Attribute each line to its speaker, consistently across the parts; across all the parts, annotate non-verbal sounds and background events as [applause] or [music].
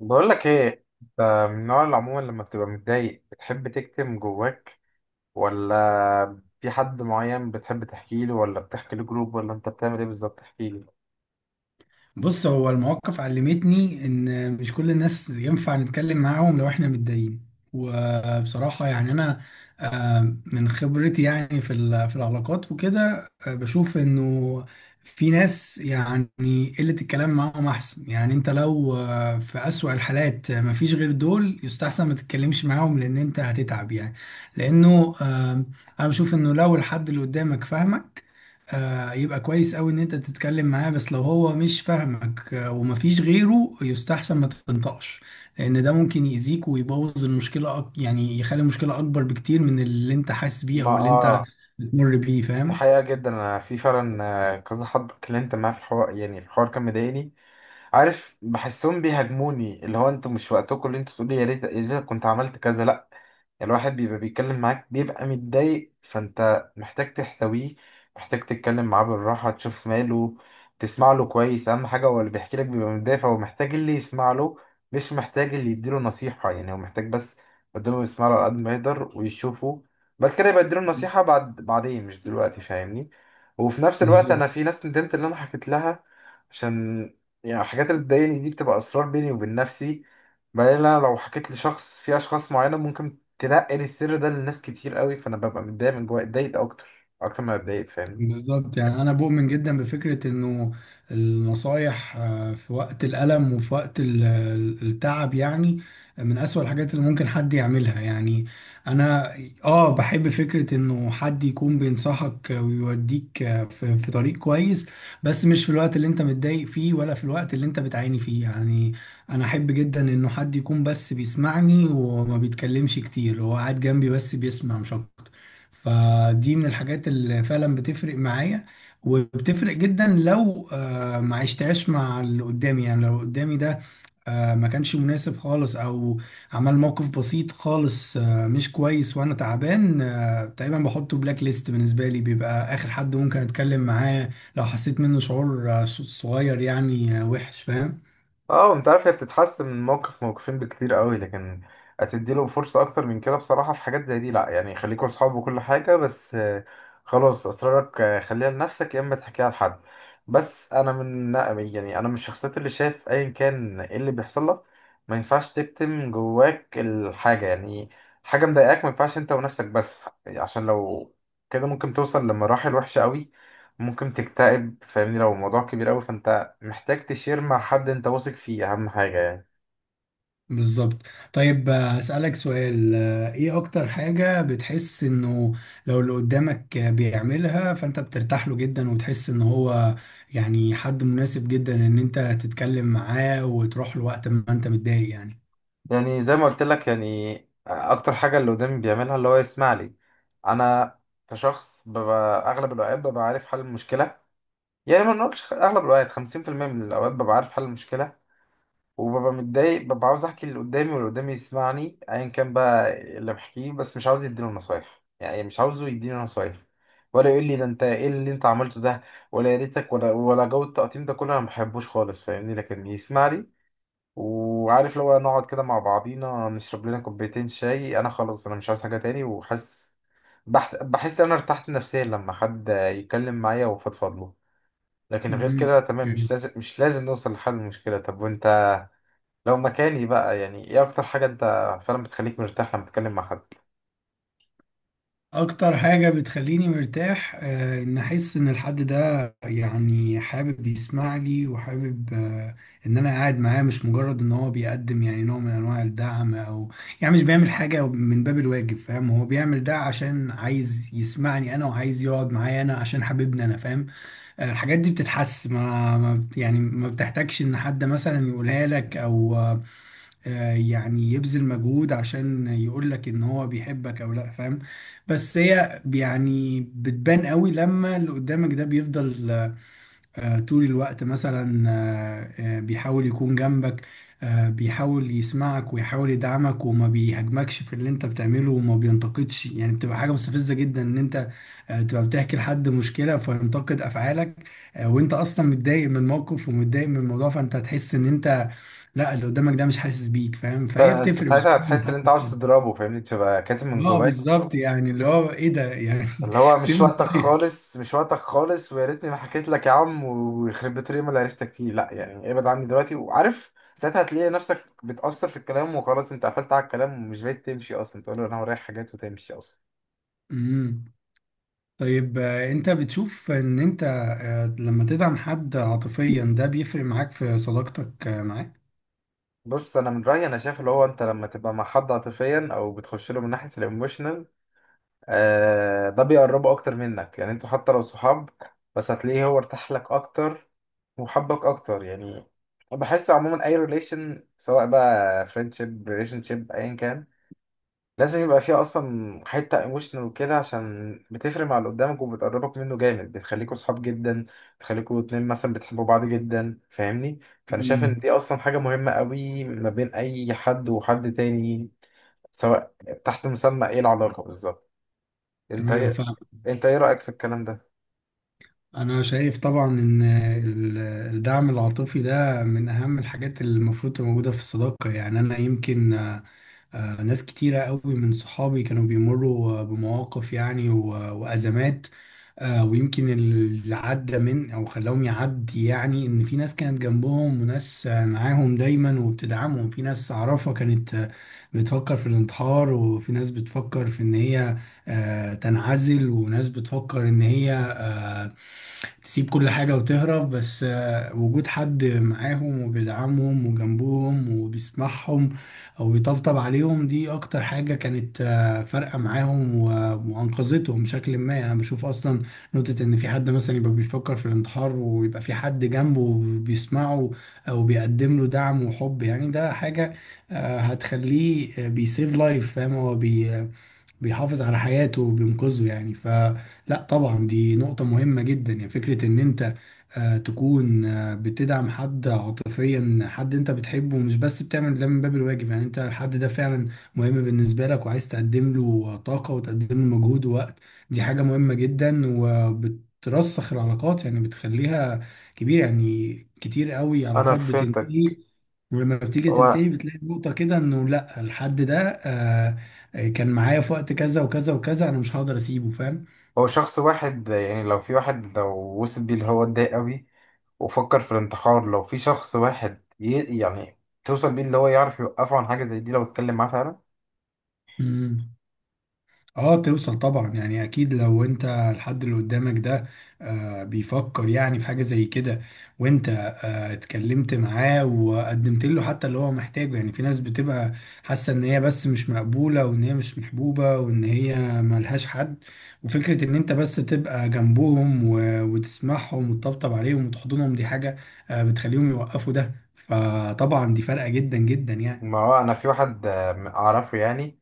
Speaker 1: بقول لك ايه؟ انت من النوع اللي عموما لما بتبقى متضايق بتحب تكتم جواك، ولا في حد معين بتحب تحكي له، ولا بتحكي لجروب، ولا انت بتعمل ايه بالظبط؟ احكي لي.
Speaker 2: بص، هو المواقف علمتني ان مش كل الناس ينفع نتكلم معاهم لو احنا متضايقين. وبصراحة يعني انا، من خبرتي، يعني في العلاقات وكده، بشوف انه في ناس يعني قلة الكلام معاهم احسن. يعني انت لو في اسوأ الحالات، مفيش غير دول، يستحسن ما تتكلمش معاهم لان انت هتتعب يعني. لانه انا بشوف انه لو الحد اللي قدامك فاهمك، يبقى كويس أوي إن أنت تتكلم معاه. بس لو هو مش فاهمك، ومفيش غيره، يستحسن ما تنطقش، لأن ده ممكن يأذيك ويبوظ المشكلة، يعني يخلي المشكلة أكبر بكتير من اللي أنت حاسس بيه
Speaker 1: ما
Speaker 2: أو اللي أنت بتمر بيه،
Speaker 1: دي
Speaker 2: فاهم؟
Speaker 1: حقيقة جدا. انا في فعلا كذا حد اتكلمت معاه في الحوار، يعني الحوار كان مضايقني. عارف، بحسهم بيهاجموني، اللي هو انتوا مش وقتكم، اللي انتوا تقولي يا ريت يا ريت كنت عملت كذا. لا، الواحد بيبقى بيتكلم معاك بيبقى متضايق، فانت محتاج تحتويه، محتاج تتكلم معاه بالراحة، تشوف ماله، تسمع له كويس. اهم حاجة، هو اللي بيحكي لك بيبقى متضايق، فهو محتاج اللي يسمع له، مش محتاج اللي يديله نصيحة. يعني هو محتاج بس قدامه يسمع له على قد ما يقدر ويشوفه. بعد كده يبقى يديله النصيحة بعد بعدين، مش دلوقتي، فاهمني؟ وفي نفس الوقت
Speaker 2: بالظبط.
Speaker 1: انا في ناس ندمت اللي انا حكيت لها، عشان يعني الحاجات اللي بتضايقني دي بتبقى اسرار بيني وبين نفسي. بعدين انا لو حكيت لشخص، في اشخاص معينه ممكن تنقل السر ده لناس كتير قوي، فانا ببقى متضايق من جوايا، اتضايق اكتر اكتر ما اتضايقت، فاهمني؟
Speaker 2: بالظبط، يعني انا بؤمن جدا بفكره انه النصايح، في وقت الالم وفي وقت التعب، يعني من اسوأ الحاجات اللي ممكن حد يعملها. يعني انا، اه، بحب فكره انه حد يكون بينصحك ويوديك، في في طريق كويس، بس مش في الوقت اللي انت متضايق فيه، ولا في الوقت اللي انت بتعاني فيه يعني. انا احب جدا انه حد يكون بس بيسمعني وما بيتكلمش كتير، هو قاعد جنبي بس بيسمع، مش اكتر. فدي من الحاجات اللي فعلا بتفرق معايا، وبتفرق جدا. لو ما عشتهاش مع اللي قدامي، يعني لو قدامي ده ما كانش مناسب خالص، او عمل موقف بسيط خالص، مش كويس، وانا تعبان، تقريبا بحطه بلاك ليست، بالنسبة لي بيبقى اخر حد ممكن اتكلم معاه، لو حسيت منه شعور صغير، يعني وحش، فاهم.
Speaker 1: اه، انت عارف، هي بتتحسن من موقف موقفين بكتير قوي، لكن هتديله فرصة اكتر من كده؟ بصراحة في حاجات زي دي لا، يعني خليكوا اصحاب وكل حاجة، بس خلاص اسرارك خليها لنفسك، يا اما تحكيها لحد. بس انا من يعني انا من الشخصيات اللي شايف ايا كان ايه اللي بيحصل لك، ما ينفعش تكتم جواك الحاجة. يعني حاجة مضايقاك ما ينفعش انت ونفسك بس، عشان لو كده ممكن توصل لمراحل وحشة قوي، ممكن تكتئب، فاهمني؟ لو الموضوع كبير قوي، فانت محتاج تشير مع حد انت واثق فيه، اهم حاجه يعني.
Speaker 2: بالظبط. طيب، أسألك سؤال، ايه اكتر حاجة بتحس انه لو اللي قدامك بيعملها فانت بترتاح له جدا، وتحس ان هو يعني حد مناسب جدا ان انت تتكلم معاه وتروح له وقت ما انت متضايق يعني؟
Speaker 1: يعني زي ما قلت لك، يعني اكتر حاجه اللي قدامي بيعملها اللي هو يسمع لي. انا كشخص ببقى اغلب الاوقات ببقى عارف حل المشكله، يعني ما نقولش اغلب الاوقات، 50% من الاوقات ببقى عارف حل المشكله، وببقى متضايق، ببقى عاوز احكي اللي قدامي، واللي قدامي يسمعني ايا كان بقى اللي بحكيه، بس مش عاوز يديني نصايح، يعني مش عاوزه يديني نصايح، ولا يقول لي ده انت ايه اللي انت عملته ده، ولا يا ريتك، ولا جو التقطيم ده كله انا ما بحبوش خالص، فاهمني؟ لكن يسمع لي، وعارف لو نقعد كده مع بعضينا نشرب لنا كوبايتين شاي، انا خلاص، انا مش عايز حاجة تاني، وحاسس، بحس انا ارتحت نفسيا لما حد يتكلم معايا وفضفض له. لكن غير
Speaker 2: مم.
Speaker 1: كده تمام، مش لازم مش لازم نوصل لحل المشكلة. طب وانت لو مكاني بقى، يعني ايه اكتر حاجة انت فعلا بتخليك مرتاح لما تتكلم مع حد؟
Speaker 2: اكتر حاجة بتخليني مرتاح، ان احس ان الحد ده يعني حابب يسمع لي، وحابب ان انا قاعد معاه، مش مجرد ان هو بيقدم يعني نوع من انواع الدعم، او يعني مش بيعمل حاجة من باب الواجب، فاهم؟ هو بيعمل ده عشان عايز يسمعني انا، وعايز يقعد معايا انا عشان حبيبني انا، فاهم؟ الحاجات دي بتتحس، يعني ما بتحتاجش ان حد مثلا يقولها لك، او يعني يبذل مجهود عشان يقول لك ان هو بيحبك او لا، فاهم؟ بس هي يعني بتبان قوي لما اللي قدامك ده بيفضل طول الوقت مثلا، بيحاول يكون جنبك، بيحاول يسمعك ويحاول يدعمك، وما بيهاجمكش في اللي انت بتعمله وما بينتقدش. يعني بتبقى حاجة مستفزة جدا ان انت تبقى بتحكي لحد مشكلة فينتقد افعالك، وانت اصلا متضايق من الموقف ومتضايق من الموضوع. فانت هتحس ان انت، لا، اللي قدامك ده مش حاسس بيك، فاهم؟
Speaker 1: انت
Speaker 2: فهي
Speaker 1: أنت
Speaker 2: بتفرق بصراحه
Speaker 1: ساعتها
Speaker 2: من
Speaker 1: هتحس ان
Speaker 2: حد
Speaker 1: انت عاوز
Speaker 2: للتاني.
Speaker 1: تضربه، فاهمني؟ تبقى كاتم من
Speaker 2: اه
Speaker 1: جواك،
Speaker 2: بالظبط، يعني اللي هو ايه ده يعني
Speaker 1: اللي هو
Speaker 2: [laughs]
Speaker 1: مش
Speaker 2: سيبني
Speaker 1: وقتك
Speaker 2: طيب.
Speaker 1: خالص مش وقتك خالص، ويا ريتني ما حكيت لك يا عم، ويخرب بيت اليوم اللي عرفتك فيه، لا يعني ابعد عني دلوقتي. وعارف ساعتها هتلاقي نفسك بتأثر في الكلام، وخلاص انت قفلت على الكلام، ومش بقيت تمشي اصلا، تقول له انا ورايا حاجات وتمشي اصلا.
Speaker 2: امم. طيب، انت بتشوف ان انت لما تدعم حد عاطفيا، ده بيفرق معاك في صداقتك معاه؟
Speaker 1: بص، انا من رايي، انا شايف اللي هو انت لما تبقى مع حد عاطفيا، او بتخش له من ناحيه الايموشنال، ده بيقربه اكتر منك. يعني انتوا حتى لو صحاب، بس هتلاقيه هو ارتاح لك اكتر، وحبك اكتر يعني. بحس عموما اي ريليشن، سواء بقى فريندشيب، ريليشن شيب، ايا كان، لازم يبقى فيه اصلا حته ايموشنال وكده، عشان بتفرق مع اللي قدامك، وبتقربك منه جامد، بتخليكوا صحاب جدا، بتخليكوا اتنين مثلا بتحبوا بعض جدا، فاهمني؟ فانا شايف ان
Speaker 2: امم.
Speaker 1: دي اصلا حاجه مهمه قوي ما بين اي حد وحد تاني، سواء تحت مسمى ايه العلاقه بالظبط.
Speaker 2: ايوه،
Speaker 1: انت
Speaker 2: فاهم.
Speaker 1: انت ايه رأيك في الكلام ده؟
Speaker 2: انا شايف طبعا ان الدعم العاطفي ده من اهم الحاجات اللي المفروض تبقى موجوده في الصداقه. يعني انا يمكن، ناس كتيرة قوي من صحابي كانوا بيمروا بمواقف يعني وأزمات، ويمكن اللي عدى من أو خلاهم يعدي، يعني إن في ناس كانت جنبهم، وناس معاهم دايما وبتدعمهم. في ناس أعرفها كانت بتفكر في الانتحار، وفي ناس بتفكر في إن هي تنعزل، وناس بتفكر إن هي تسيب كل حاجة وتهرب. بس وجود حد معاهم وبيدعمهم وجنبهم وبيسمعهم أو بيطبطب عليهم، دي أكتر حاجة كانت فارقة معاهم وأنقذتهم بشكل ما. يعني أنا بشوف أصلا نقطة إن في حد مثلا يبقى بيفكر في الانتحار، ويبقى في حد جنبه بيسمعه أو بيقدم له دعم وحب، يعني ده حاجة هتخليه بيسيف لايف، فاهم؟ هو بيحافظ على حياته وبينقذه يعني. فلا طبعا دي نقطة مهمة جدا. يعني فكرة ان انت تكون بتدعم حد عاطفيا، حد انت بتحبه، مش بس بتعمل ده من باب الواجب، يعني انت الحد ده فعلا مهم بالنسبة لك، وعايز تقدم له طاقة، وتقدم له مجهود ووقت، دي حاجة مهمة جدا وبترسخ العلاقات، يعني بتخليها كبيرة يعني. كتير قوي
Speaker 1: انا
Speaker 2: علاقات بتنتهي،
Speaker 1: فهمتك.
Speaker 2: ولما بتيجي
Speaker 1: هو
Speaker 2: تنتهي بتلاقي نقطة كده انه لا، الحد ده كان معايا في وقت كذا وكذا وكذا، انا مش هقدر اسيبه، فاهم.
Speaker 1: هو شخص واحد يعني، لو في واحد لو وصل بيه اللي هو اتضايق قوي وفكر في الانتحار، لو في شخص واحد يعني توصل بيه اللي هو يعرف يوقفه عن حاجة زي دي لو اتكلم معاه، فعلا.
Speaker 2: امم. اه، توصل طبعا، يعني اكيد لو انت الحد اللي قدامك ده آه بيفكر يعني في حاجة زي كده، وانت اتكلمت معاه وقدمت له حتى اللي هو محتاجه. يعني في ناس بتبقى حاسة ان هي بس مش مقبولة، وان هي مش محبوبة، وان هي ملهاش حد. وفكرة ان انت بس تبقى جنبهم وتسمعهم وتطبطب عليهم وتحضنهم، دي حاجة آه بتخليهم يوقفوا ده. فطبعا دي فارقة جدا جدا يعني.
Speaker 1: ما هو انا في واحد اعرفه، يعني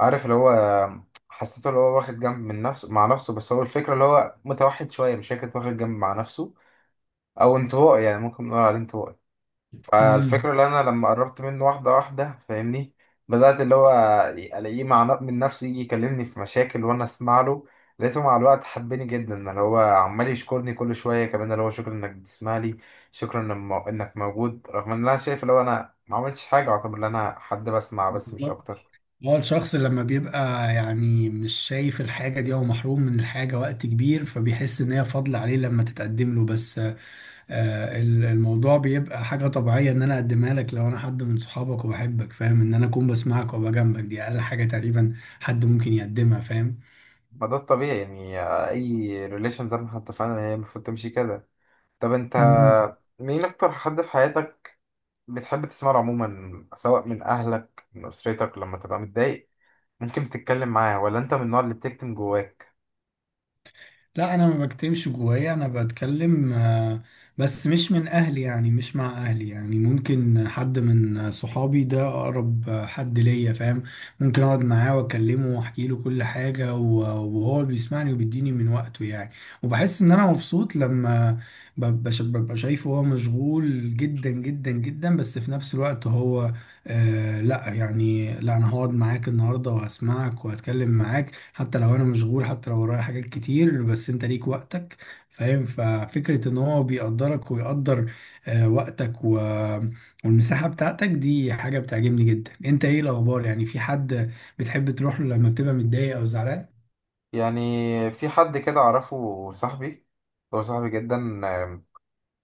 Speaker 1: عارف اللي هو حسيته اللي هو واخد جنب من نفسه مع نفسه، بس هو الفكرة اللي هو متوحد شوية، مش فكرة واخد جنب مع نفسه، او انطوائي، يعني ممكن نقول عليه انطوائي.
Speaker 2: امم.
Speaker 1: فالفكرة اللي أنا لما قربت منه واحدة واحدة فاهمني، بدأت اللي هو ألاقيه مع من نفسه يجي يكلمني في مشاكل، وأنا أسمع له. لقيته مع الوقت حبني جدا، اللي هو عمال يشكرني كل شوية، كمان اللي هو شكرا إنك بتسمع لي، شكرا إنك موجود، رغم إن أنا شايف اللي هو أنا ما عملتش حاجة، أعتبر إن أنا حد بسمع بس، مش
Speaker 2: بالظبط.
Speaker 1: أكتر.
Speaker 2: هو الشخص لما بيبقى يعني مش شايف الحاجة دي أو محروم من الحاجة وقت كبير، فبيحس إن هي فضل عليه لما تتقدم له. بس آه الموضوع بيبقى حاجة طبيعية، إن أنا أقدمها لك لو أنا حد من صحابك وبحبك، فاهم؟ إن أنا أكون بسمعك وأبقى جنبك دي أقل حاجة تقريبا حد ممكن يقدمها، فاهم.
Speaker 1: ما ده الطبيعي يعني، أي ريليشن زي ما احنا اتفقنا إن هي المفروض تمشي كده. طب أنت
Speaker 2: مم.
Speaker 1: مين أكتر حد في حياتك بتحب تسمعه عموما، سواء من أهلك، من أسرتك، لما تبقى متضايق ممكن تتكلم معاه، ولا أنت من النوع اللي بتكتم جواك؟
Speaker 2: لا، انا ما بكتمش جوايا، انا بتكلم، بس مش من اهلي، يعني مش مع اهلي. يعني ممكن حد من صحابي، ده اقرب حد ليا، فاهم. ممكن اقعد معاه واكلمه واحكي له كل حاجة، وهو بيسمعني وبيديني من وقته يعني. وبحس ان انا مبسوط لما ببقى شايفه هو مشغول جدا جدا جدا، بس في نفس الوقت هو آه لا يعني، لا، انا هقعد معاك النهارده وهسمعك وهتكلم معاك، حتى لو انا مشغول، حتى لو ورايا حاجات كتير، بس انت ليك وقتك، فاهم. ففكرة ان هو بيقدرك ويقدر وقتك والمساحة بتاعتك، دي حاجة بتعجبني جدا. انت ايه الاخبار؟ يعني في حد بتحب تروح له لما بتبقى متضايق او زعلان؟
Speaker 1: يعني في حد كده أعرفه، صاحبي، هو صاحبي جدا،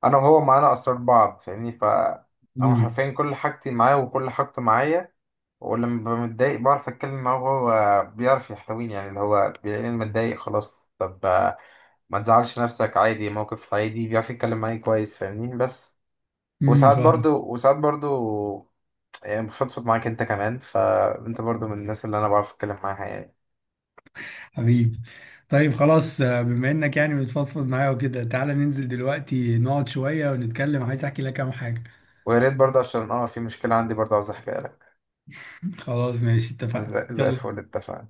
Speaker 1: أنا وهو معانا أسرار بعض فاهمني. هو
Speaker 2: امم.
Speaker 1: حرفيا كل حاجتي معاه وكل حاجته معايا، ولما ببقى متضايق بعرف أتكلم معاه، وهو بيعرف يحتويني. يعني اللي هو بيلاقيني متضايق، خلاص، طب ما تزعلش نفسك، عادي، موقف عادي. بيعرف يتكلم معايا كويس فاهمني. بس
Speaker 2: امم،
Speaker 1: وساعات
Speaker 2: فاهم.
Speaker 1: برضو وساعات برضو يعني بفضفض معاك انت كمان، فانت برضو من الناس اللي انا بعرف اتكلم معاها يعني.
Speaker 2: حبيبي. طيب خلاص، بما انك يعني بتفضفض معايا وكده، تعالى ننزل دلوقتي نقعد شوية ونتكلم، عايز احكي لك كام حاجة.
Speaker 1: ويا ريت برضو، عشان في مشكلة عندي برضو عاوز احكيها لك.
Speaker 2: خلاص، ماشي،
Speaker 1: [laughs]
Speaker 2: اتفقنا،
Speaker 1: زي الفل،
Speaker 2: يلا.
Speaker 1: اتفقنا.